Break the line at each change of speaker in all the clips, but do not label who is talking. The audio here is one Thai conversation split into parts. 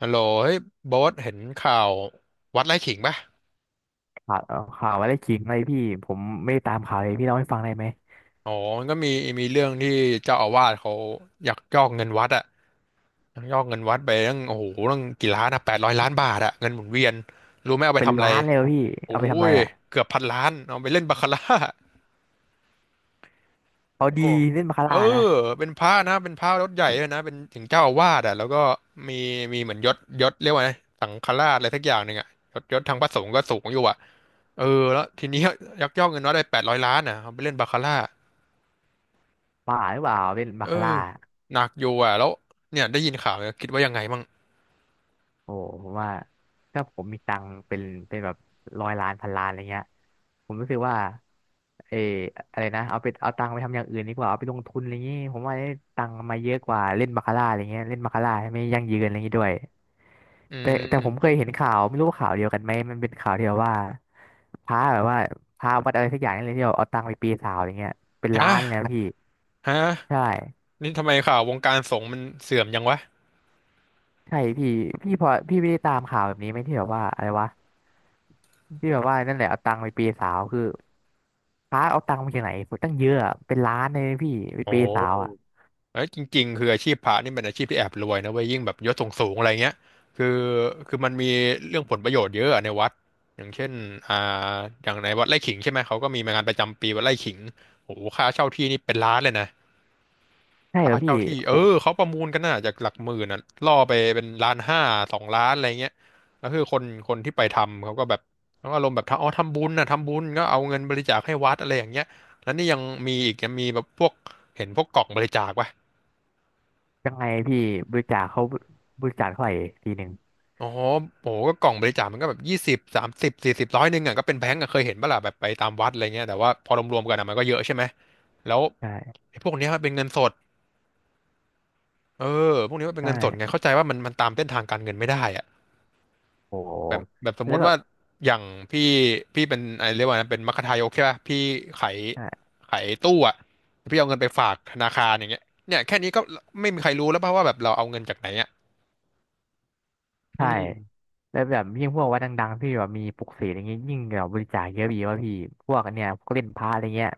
ฮัลโหลเฮ้ยโบ๊ทเห็นข่าววัดไร่ขิงปะ
ข่าวข่าวอะไรขิงเลยพี่ ผมไม่ได้ตามข่าวเลยพี่เล่าให้ฟังได้ไหม
อ๋อมันก็มีเรื่องที่เจ้าอาวาสเขาอยากยอกเงินวัดอะยักยอกเงินวัดไปตั้งโอ้โหตั้งกี่ล้านอะ800 ล้านบาทอะเงินหมุนเวียนรู้ไหมเอาไป
เป็น
ทำอะไร
ล้านเลยเหรอพี่
โอ้
เอาไปทำอะไร
ย
อ่ะ
เกือบพันล้านเอาไปเล่นบาคาร่า
เอา
โอ้
ดี
โห
เล่นบาคา
เออ
ร่านะ
เป็นพระนะเป็นพระยศใหญ่เลยนะเป็นถึงเจ้าอาวาสอ่ะแล้วก็มีมีเหมือนยศยศเรียกว่าไงสังฆราชอะไรสักอย่างหนึ่งอ่ะยศยศทางพระสงฆ์ก็สูงอยู่อ่ะ เออแล้วทีนี้ยักยอกเงินวัดได้แปดร้อยล้านอ่ะเอาไปเล่นบาคาร่า
ป่าหรือเปล่าเล่นบา
เอ
คาร่า
อหนักอยู่อ่ะแล้วเนี่ยได้ยินข่าวเนี่ยคิดว่ายังไงมั่ง
โอ้ผมว่าถ้าผมมีตังค์เป็นแบบร้อยล้านพันล้านอะไรเงี้ยผมรู้สึกว่าเอออะไรนะเอาไปเอาตังค์ไปทำอย่างอื่นดีกว่าเอาไปลงทุนอะไรเงี้ยผมว่าได้ตังค์มาเยอะกว่าเล่นบาคาร่าอะไรเงี้ยเล่นบาคาร่าไม่ยั่งยืนอะไรเงี้ยด้วย
อื
แต่ผมเค
ม
ยเห็นข่าวไม่รู้ว่าข่าวเดียวกันไหมมันเป็นข่าวที่แบบว่าพระแบบว่าพระวัดอะไรสักอย่างนี่เลยที่แบบเอาตังค์ไปปีนเสาวอะไรเงี้ยเป็นล้า
ฮะ
นเลยนะพี่
ฮะ
ใช่
นี่ทำไมข่าววงการสงฆ์มันเสื่อมยังวะ
ใช่พี่พี่พอพี่ไม่ได้ตามข่าวแบบนี้ไหมที่แบบว่าอะไรวะที่แบบว่านั่นแหละเอาตังค์ไปเปย์สาวคือพระเอาตังค์มาจากไหนตั้งเยอะอะเป็นล้านเลยนะพี่ไป
โอ้
เปย์สาวอ่ะ
เอ้ยจริงๆคืออาชีพพระนี่เป็นอาชีพที่แอบรวยนะเว้ยยิ่งแบบยศสูงๆอะไรเงี้ยคือคือมันมีเรื่องผลประโยชน์เยอะอะในวัดอย่างเช่นอ่าอย่างในวัดไร่ขิงใช่ไหมเขาก็มีงานประจำปีวัดไร่ขิงโอ้โหค่าเช่าที่นี่เป็นล้านเลยนะ
ใช่เหร
ค่า
อพี่
เช่าที่เอ
โห
อเขาประมูลกันน่ะจากหลักหมื่นน่ะล่อไปเป็นล้านห้า2 ล้านอะไรเงี้ยแล้วคือคนที่ไปทำเขาก็แบบเขาอารมณ์แบบทำอ๋อทำบุญน่ะทำบุญก็เอาเงินบริจาคให้วัดอะไรอย่างเงี้ยแล้วนี่ยังมีอีกยังมีแบบพวกเห็นพวกกล่องบริจาคปะ
ยังไงพี่บริจาคเขาบริจาคเท่าไหร่ทีหนึ่ง
อ๋อโหก็กล่องบริจาคมันก็แบบยี่สิบสามสิบสี่สิบร้อยหนึ่งอ่ะก็เป็นแบงก์อะเคยเห็นปะล่ะแบบไปตามวัดอะไรเงี้ยแต่ว่าพอรวมๆกันอะมันก็เยอะใช่ไหมแล้ว
ใช่
ไอ้พวกเนี้ยมันเป็นเงินสดเออพวกนี้มัน
ใช
เป็นเงินสดไง
่
เข้าใจว่ามันตามเส้นทางการเงินไม่ได้อ่ะ
โห
แบบสม
แล้
มุ
ว
ติ
แบ
ว่า
บ
อย่างพี่พี่เป็นอะไรเรียกว่านะเป็นมัคทายกใช่ป่ะ พี่ขาย
ใช่
ขายตู้อ่ะพี่เอาเงินไปฝากธนาคารอย่างเงี้ยเนี่ยแค่นี้ก็ไม่มีใครรู้แล้วป่ะว่าแบบเราเอาเงินจากไหนอ่ะอื
ใช่
ม
แล้วแบบยิ่งพวกวัดดังๆที่แบบมีปลุกเสกอย่างเงี้ยยิ่งแบบบริจาคเยอะพี่ว่าพี่พวกอันเนี้ยพวกเล่นพระอะไรเงี้ย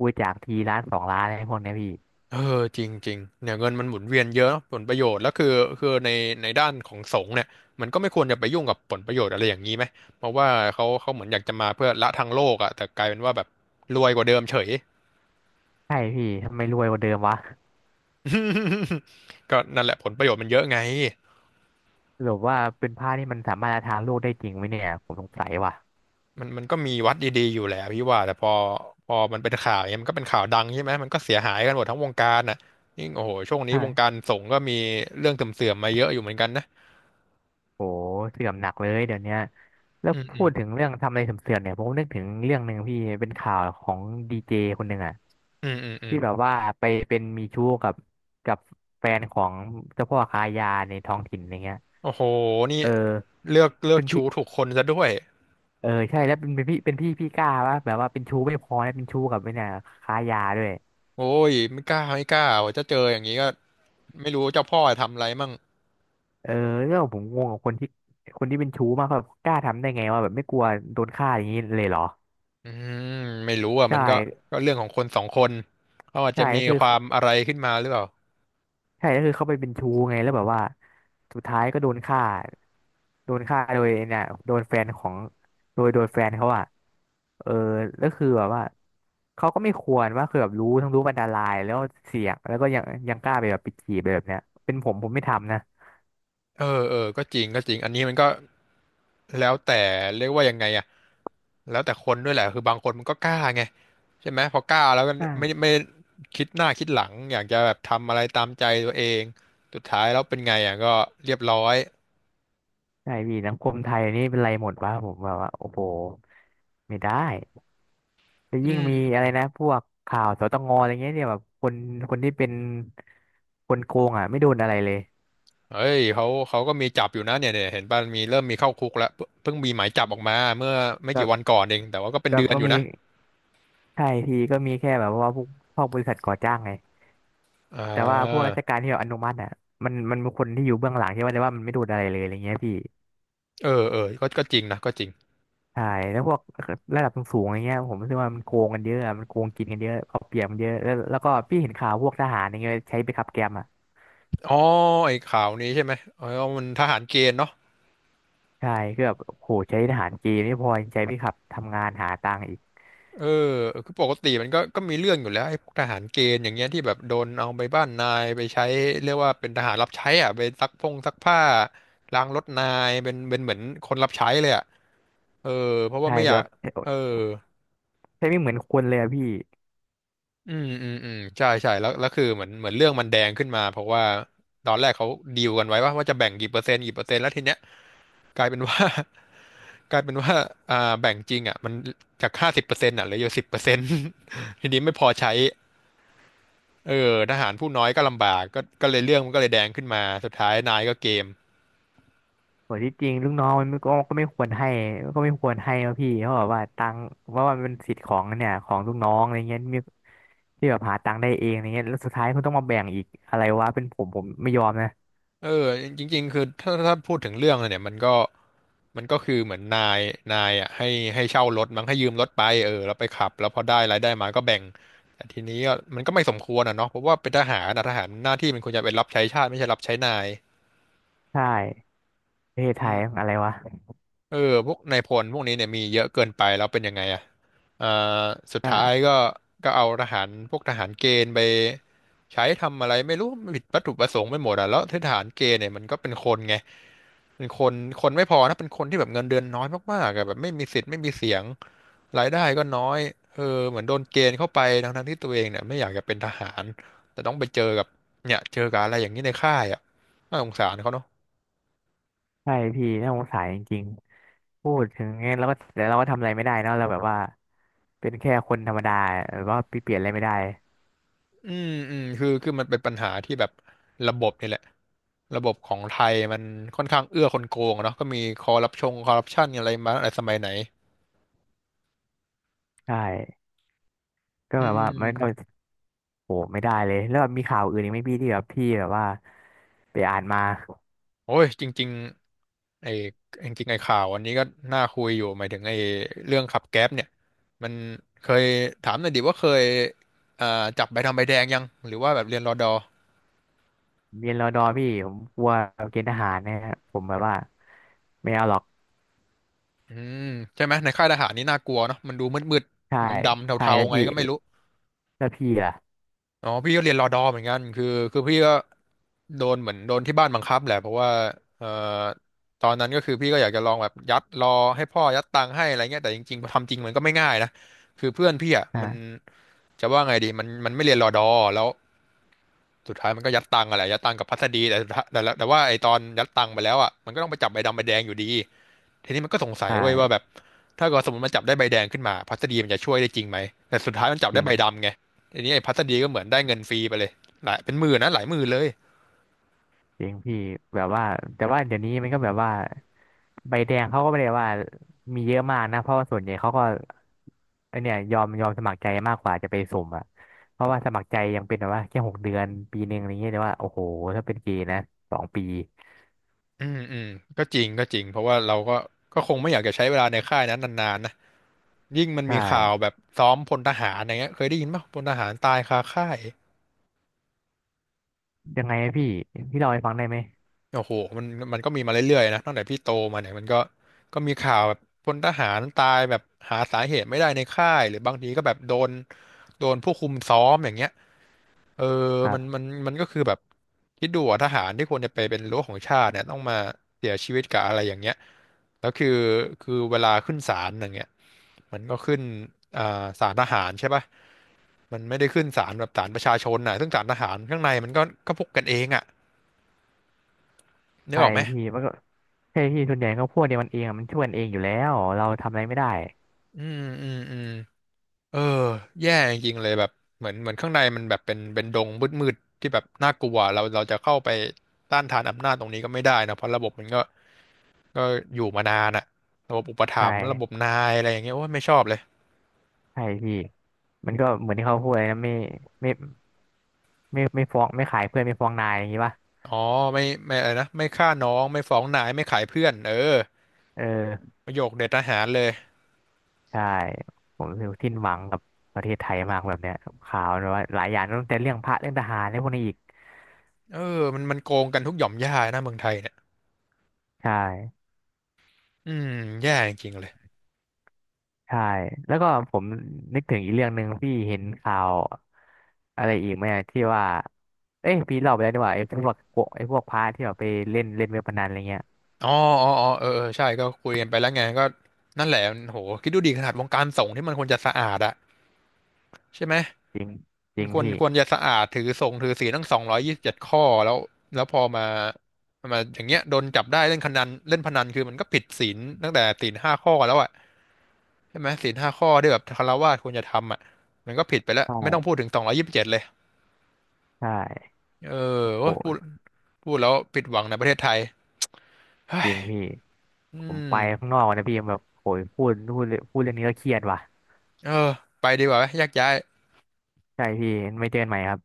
บริจาคทีล้านสองล้านอะไรพวกเนี้ยพี่
เออจริงจริงเนี่ยเงินมันหมุนเวียนเยอะผลประโยชน์แล้วคือในด้านของสงฆ์เนี่ยมันก็ไม่ควรจะไปยุ่งกับผลประโยชน์อะไรอย่างนี้ไหมเพราะว่าเขาเหมือนอยากจะมาเพื่อละทางโลกอะแต่กลายเป็นว่าแบบรวยกว่าเดิมเฉย
ใช่พี่ทำไมรวยกว่าเดิมวะ
ก็นั่นแหละผลประโยชน์มันเยอะไง
หรือว่าเป็นผ้าที่มันสามารถจะทานโลกได้จริงไหมเนี่ยผมสงสัยว่ะ
มันก็มีวัดดีๆอยู่แหละพี่ว่าแต่พอมันเป็นข่าวเนี่ยมันก็เป็นข่าวดังใช่ไหมมันก็เสียหายกันหมดทั้งวงการน่ะยิ่งโอ้โหช่วงนี้วงกา
ใช่
รสงฆ์ก็มีเรื่องเสื่อมๆมาเยอะอยู่เหมือนกันนะ
โหเสื่อมหนักเลยเดี๋ยวเนี้ยแล้ว
อื
พู
ม
ดถึงเรื่องทำอะไรเสื่อมๆเนี่ยผมนึกถึงเรื่องหนึ่งพี่เป็นข่าวของดีเจคนหนึ่งอะ
อืมอืมอืม
ที่แบบว่าไปเป็นมีชู้กับกับแฟนของเจ้าพ่อค้ายาในท้องถิ่นอะไรเงี้ย
โอ้โหนี่
เออ
เลือก
เป็นพี่
ชู้ถูกคนซะด้วย
เออใช่แล้วเป็นพี่พี่กล้าว่าแบบว่าเป็นชู้ไม่พอแล้วเป็นชู้กับไอ้เนี่ยค้ายาด้วย
โอ้ยไม่กล้าว่าจะเจออย่างนี้ก็ไม่รู้เจ้าพ่อทำอะไรมั่ง
เออเนี่ยผมงงกับคนที่คนที่เป็นชู้มากแบบกล้าทำได้ไงว่าแบบไม่กลัวโดนฆ่าอย่างนี้เลยเหรอ
อืมไม่รู้อ่ะ
ใช่
มันก็ก็เรื่องของคนสองคนเขาอาจ
ใช่
จะมี
ก็คือ
ความอะไรขึ้นมาหรือเปล่า
ใช่ก็คือเขาไปเป็นชู้ไงแล้วแบบว่าสุดท้ายก็โดนฆ่าโดนฆ่าโดยเนี่ยโดนแฟนของโดยโดยแฟนเขาอะเออแล้วคือแบบว่าเขาก็ไม่ควรว่าคือแบบรู้ทั้งรู้ว่าอันตรายแล้วเสี่ยงแล้วก็ยังยังกล้าไปแบบไปจีบไปแบบเนี้ยเป็นผมไม่ทำนะ
เออเออก็จริงก็จริง อันนี้มันก็แล้วแต่เรียกว่ายังไงอ่ะแล้วแต่คนด้วยแหละคือบางคนมันก็กล้าไงใช่ไหมพอกล้าแล้วก็
ใช่
ไม่คิดหน้าคิดหลังอยากจะแบบทำอะไรตามใจตัวเองสุดท้ายแล้วเป็นไงอ่ะก็เรียบร้อย
ใช่พี่สังคมไทยนี่เป็นไรหมดวะผมแบบว่าโอ้โหไม่ได้ จะ
อื
ยิ่ง
ม
มีอะไรนะพวกข่าวสตงอะไรเงี้ยเนี่ยแบบคนคนที่เป็นคนโกงอ่ะไม่โดนอะไรเลย
เอ้ยเขาก็มีจับอยู่นะเนี่ยเห็นป่ะมีเริ่มมีเข้าคุกแล้วเพิ่งมีหมายจับออกมาเมื่อไม่
ก็
กี่วันก่อนเองแต่ว่าก็เป็น
ก็
เดือน
ก็
อยู่
มี
นะ
ใช่ทีก็มีแค่แบบว่าพวกพวกบริษัทก่อจ้างไง
อ่
แต่ว่าพวก
า
ราชการที่แบบอนุมัติอ่ะมันมีคนที่อยู่เบื้องหลังใช่ไหมแต่ว่ามันไม่โดนอะไรเลยอะไรเงี้ยพี่
เออเออก็ก็จริงนะก็จริง
ใช่แล้วพวกระดับสูงๆอะไรเงี้ยผมรู้สึกว่ามันโกงกันเยอะอะมันโกงกินกันเยอะเอาเปรียบกันเยอะแล้วแล้วก็พี่เห็นข่าวพวกทหารอย่างเงี้ยใช้ไปขับแกมอ่ะ
อ๋อไอ้ข่าวนี้ใช่ไหมเออมันทหารเกณฑ์เนาะ
ใช่คือแบบโหใช้ทหารเกณฑ์ไม่พอยังใช้ไปขับทำงานหาตังค์อีก
เออคือปกติมันก็มีเรื่องอยู่แล้วไอ้พวกทหารเกณฑ์อย่างเงี้ยที่แบบโดนเอาไปบ้านนายไปใช้เรียกว่าเป็นทหารรับใช้อ่ะไปซักพงซักผ้าล้างรถนายเป็นเหมือนคนรับใช้เลยอ่ะเออเพราะว่า
ใช่
ไม่อ
คือ
ยาก
แบบ
เออ
ใช่ไม่เหมือนคนเลยอะพี่
อืมอืมอืมใช่ใช่แล้วคือเหมือนเรื่องมันแดงขึ้นมาเพราะว่าตอนแรกเขาดีลกันไว้ว่าจะแบ่งกี่เปอร์เซ็นต์กี่เปอร์เซ็นต์แล้วทีเนี้ยกลายเป็นว่า กลายเป็นว่าอ่าแบ่งจริงอ่ะมันจาก50%อ่ะเหลืออยู่สิบเปอร์เซ็นต์ ทีนี้ไม่พอใช้เออทหารผู้น้อยก็ลำบากก็เลยเรื่องมันก็เลยแดงขึ้นมาสุดท้ายนายก็เกม
โหที่จริงลูกน้องมันก็ก็ไม่ควรให้ก็ไม่ควรให้นะพี่เพราะแบบว่าตังค์เพราะว่ามันเป็นสิทธิ์ของเนี่ยของลูกน้องอะไรเงี้ยมีที่แบบหาตังค์ได้เองอะไรเงี้ยแล้วสุดท้ายคุณต้องมาแบ่งอีกอะไรวะเป็นผมไม่ยอมนะ
เออจริงๆคือถ้าพูดถึงเรื่องอะเนี่ยมันก็คือเหมือนนายอ่ะให้เช่ารถมั้งให้ยืมรถไปเออแล้วไปขับแล้วพอได้รายได้มาก็แบ่งแต่ทีนี้ก็มันก็ไม่สมควรอ่ะเนาะเพราะว่าเป็นทหารนะทหารหน้าที่มันควรจะเป็นรับใช้ชาติไม่ใช่รับใช้นาย
ใช่ประเทศไท
อื
ย
ม
อะไรวะ
เออพวกนายพลพวกนี้เนี่ยมีเยอะเกินไปแล้วเป็นยังไงอ่ะอ่าสุดท้าย
ใช่
ก็ก็เอาทหารพวกทหารเกณฑ์ไปใช้ทำอะไรไม่รู้ผิดวัตถุประสงค์ไปหมดอ่ะแล้วทหารเกณฑ์เนี่ยมันก็เป็นคนไงเป็นคนคนไม่พอนะเป็นคนที่แบบเงินเดือนน้อยมากๆอะแบบไม่มีสิทธิ์ไม่มีเสียงรายได้ก็น้อยเออเหมือนโดนเกณฑ์เข้าไปทั้งๆที่ตัวเองเนี่ยไม่อยากจะเป็นทหารแต่ต้องไปเจอกับเนี่ยเจอกับอะไรอย่างนี้ในค่ายอ่ะน่าสงสารเขาเนอะ
ใช่พี่น่าสงสารจริงๆพูดถึงเงี้ยแล้วก็แต่เราก็ทำอะไรไม่ได้เนอะเราแบบว่าเป็นแค่คนธรรมดาแบบว่าเปลี่ยนอะไรไม่ได้
อืมอืมคือมันเป็นปัญหาที่แบบระบบนี่แหละระบบของไทยมันค่อนข้างเอื้อคนโกงอะเนาะก็มีคอร์รัปชันอะไรมาตั้งแต่สมัยไหน
ใช่ก็
อื
แบบว่ามันก็
ม
โหไม่ได้เลยแล้วแบบมีข่าวอื่นอีกไหมพี่ที่แบบพี่แบบว่าไปอ่านมา
โอ้ยจริงๆไอ้จริงๆไอ้ข่าวอันนี้ก็น่าคุยอยู่หมายถึงไอ้เรื่องขับแก๊ปเนี่ยมันเคยถามหน่อยดิว่าเคยอ่าจับใบดำใบแดงยังหรือว่าแบบเรียนรอดอ
เรียนรอดอพี่ผมกลัวเกณฑ์ทหารนะฮะผมแบบว่าไม่เอาหรอก
อืมใช่ไหมในค่ายทหารนี่น่ากลัวเนาะมันดูมืด
ใช่
ๆดำๆ
ใช่
เทา
แล้ว
ๆไง
พี่
ก็ไม่รู้
แล้วพี่ล่ะ
อ๋อพี่ก็เรียนรอดอเหมือนกันคือพี่ก็โดนเหมือนโดนที่บ้านบังคับแหละเพราะว่าเอ่อตอนนั้นก็คือพี่ก็อยากจะลองแบบยัดรอให้พ่อยัดตังค์ให้อะไรเงี้ยแต่จริงๆพอทำจริงมันก็ไม่ง่ายนะคือเพื่อนพี่อ่ะมัน
อ่า
จะว่าไงดีมันไม่เรียนรอดอแล้วสุดท้ายมันก็ยัดตังค์อะไรยัดตังค์กับพัสดีแต่สุดท้ายแต่ว่าไอตอนยัดตังค์ไปแล้วอ่ะมันก็ต้องไปจับใบดำใบแดงอยู่ดี ทีนี้มันก็สงสั
ใช
ยเว้ยว่าแบ
่
บถ้าเกิดสมมติมันจับได้ใบแดงขึ้นมาพัสดีมันจะช่วยได้จริงไหมแต่สุดท้ายมันจับ
จริ
ได้
ง
ใบดำไงทีนี้ไอ้พัสดีก็เหมือนได้เงินฟรีไปเลยหลายเป็นหมื่นนะหลายหมื่นเลย
จริงพี่แบบว่าแต่ว่าเดี๋ยวนี้มันก็แบบว่าใบแดงเขาก็ไม่ได้ว่ามีเยอะมากนะเพราะว่าส่วนใหญ่เขาก็ไอเนี่ยยอมยอมสมัครใจมากกว่าจะไปสุ่มอ่ะเพราะว่าสมัครใจยังเป็นแบบว่าแค่หกเดือนปีหนึ่งอะไรเงี้ยแต่ว่าโอ้โหถ้าเป็นเกณฑ์นะสองปี
อืมอืมก็จริงเพราะว่าเราก็ก็คงไม่อยากจะใช้เวลาในค่ายนั้นนานๆนะยิ่งมัน
ใช่
มีข่าวแบบซ้อมพลทหารอย่างเงี้ยเคยได้ยินป่ะพลทหารตายคาค่าย
ยังไงพี่พี่เล่าให้ฟังได้ไหม
โอ้โหมันมันก็มีมาเรื่อยๆนะตั้งแต่พี่โตมาเนี่ยมันก็ก็มีข่าวแบบพลทหารตายแบบหาสาเหตุไม่ได้ในค่ายหรือบางทีก็แบบโดนผู้คุมซ้อมอย่างเงี้ย เออ
ครั
มันมั
บ
นมันก็คือแบบคิดดูอะทหารที่ควรจะไปเป็นรั้วของชาติเนี่ยต้องมาเสียชีวิตกับอะไรอย่างเงี้ยแล้วคือเวลาขึ้นศาลอย่างเงี้ยมันก็ขึ้นอ่าศาลทหารใช่ป่ะมันไม่ได้ขึ้นศาลแบบศาลประชาชนน่ะซึ่งศาลทหารข้างในมันก็ก็พวกกันเองอ่ะนึก
ใช่
ออกไหม
พี่มันก็ใช่พี่ส่วนใหญ่ก็พวกเดียวมันเองอะมันช่วยกันเองอยู่แล้วเราทำอะไรไม่ได้
อืมอืมอืมเออแย่จริงๆเลยแบบเหมือนเหมือนข้างในมันแบบเป็นดงมืดๆที่แบบน่ากลัวเราจะเข้าไปต้านทานอำนาจตรงนี้ก็ไม่ได้นะเพราะระบบมันก็ ก็อยู่มานานอะระบบอุปถั
ใช่
มภ์ระบบนายอะไรอย่างเงี้ยโอ้ยไม่ชอบเลย
ใช่พี่มันก็เหมือนที่เขาพูดเลยนะไม่ไม่ไม่ไม่ฟ้องไม่ขายเพื่อนไม่ฟ้องนายอย่างนี้ป่ะ
อ๋อไม่อะไรนะไม่ฆ่าน้องไม่ฟ้องนายไม่ขายเพื่อนเออ
เออ
ประโยคเด็ดทหารเลย
ใช่ผมรู้สึกสิ้นหวังกับประเทศไทยมากแบบเนี้ยข่าวแบบว่าหลายอย่างตั้งแต่เรื่องพระเรื่องทหารเรื่องพวกนี้อีก
เออมันโกงกันทุกหย่อมย่านะเมืองไทยเนี่ย
ใช่
อืมแย่จริงๆเลย
ใช่ แล้วก็ผมนึกถึงอีกเรื่องหนึ่งพี่เห็นข่าวอะไรอีกไหมอะที่ว่าเอ้ยพี่เล่าไปแล้วนี่หว่าไอ้พวกโกไอ้พวกพระที่แบบไปเล่นเล่นเว็บพนันอะไรเงี้ย
อ๋ออ๋ออ๋อเออเออใช่ก็คุยกันไปแล้วไงก็นั่นแหละโหคิดดูดีขนาดวงการสงฆ์ที่มันควรจะสะอาดอะใช่ไหม
จริงจ
มั
ริ
น
ง
ควร
พี่
ควรจะสะอาดถือศีลทั้งสองร้อยยี่สิบเจ็ดข้อแล้วแล้วพอมามาอย่างเงี้ยโดนจับได้เล่นพนันคือมันก็ผิดศีลตั้งแต่ศีลห้าข้อแล้วอ่ะใช่ไหมศีลห้าข้อที่แบบคฤหัสถ์ควรจะทำอ่ะมันก็ผิดไปแล้ว
ใช่
ไม่ต้องพูดถึงสองร้อยยี่สิบเจ็ดเลย
ใช่
เออโอ้ย
โห
พูดแล้วผิดหวังในประเทศไทย
จริงพี่
อื
ผมไป
ม
ข้างนอกนะพี่แบบโหยพูดเรื่องนี้ก็เครียดว่ะ
เออไปดีกว่าไหมแยกย้าย
ใช่พี่ไม่เจอกันใหม่ครับ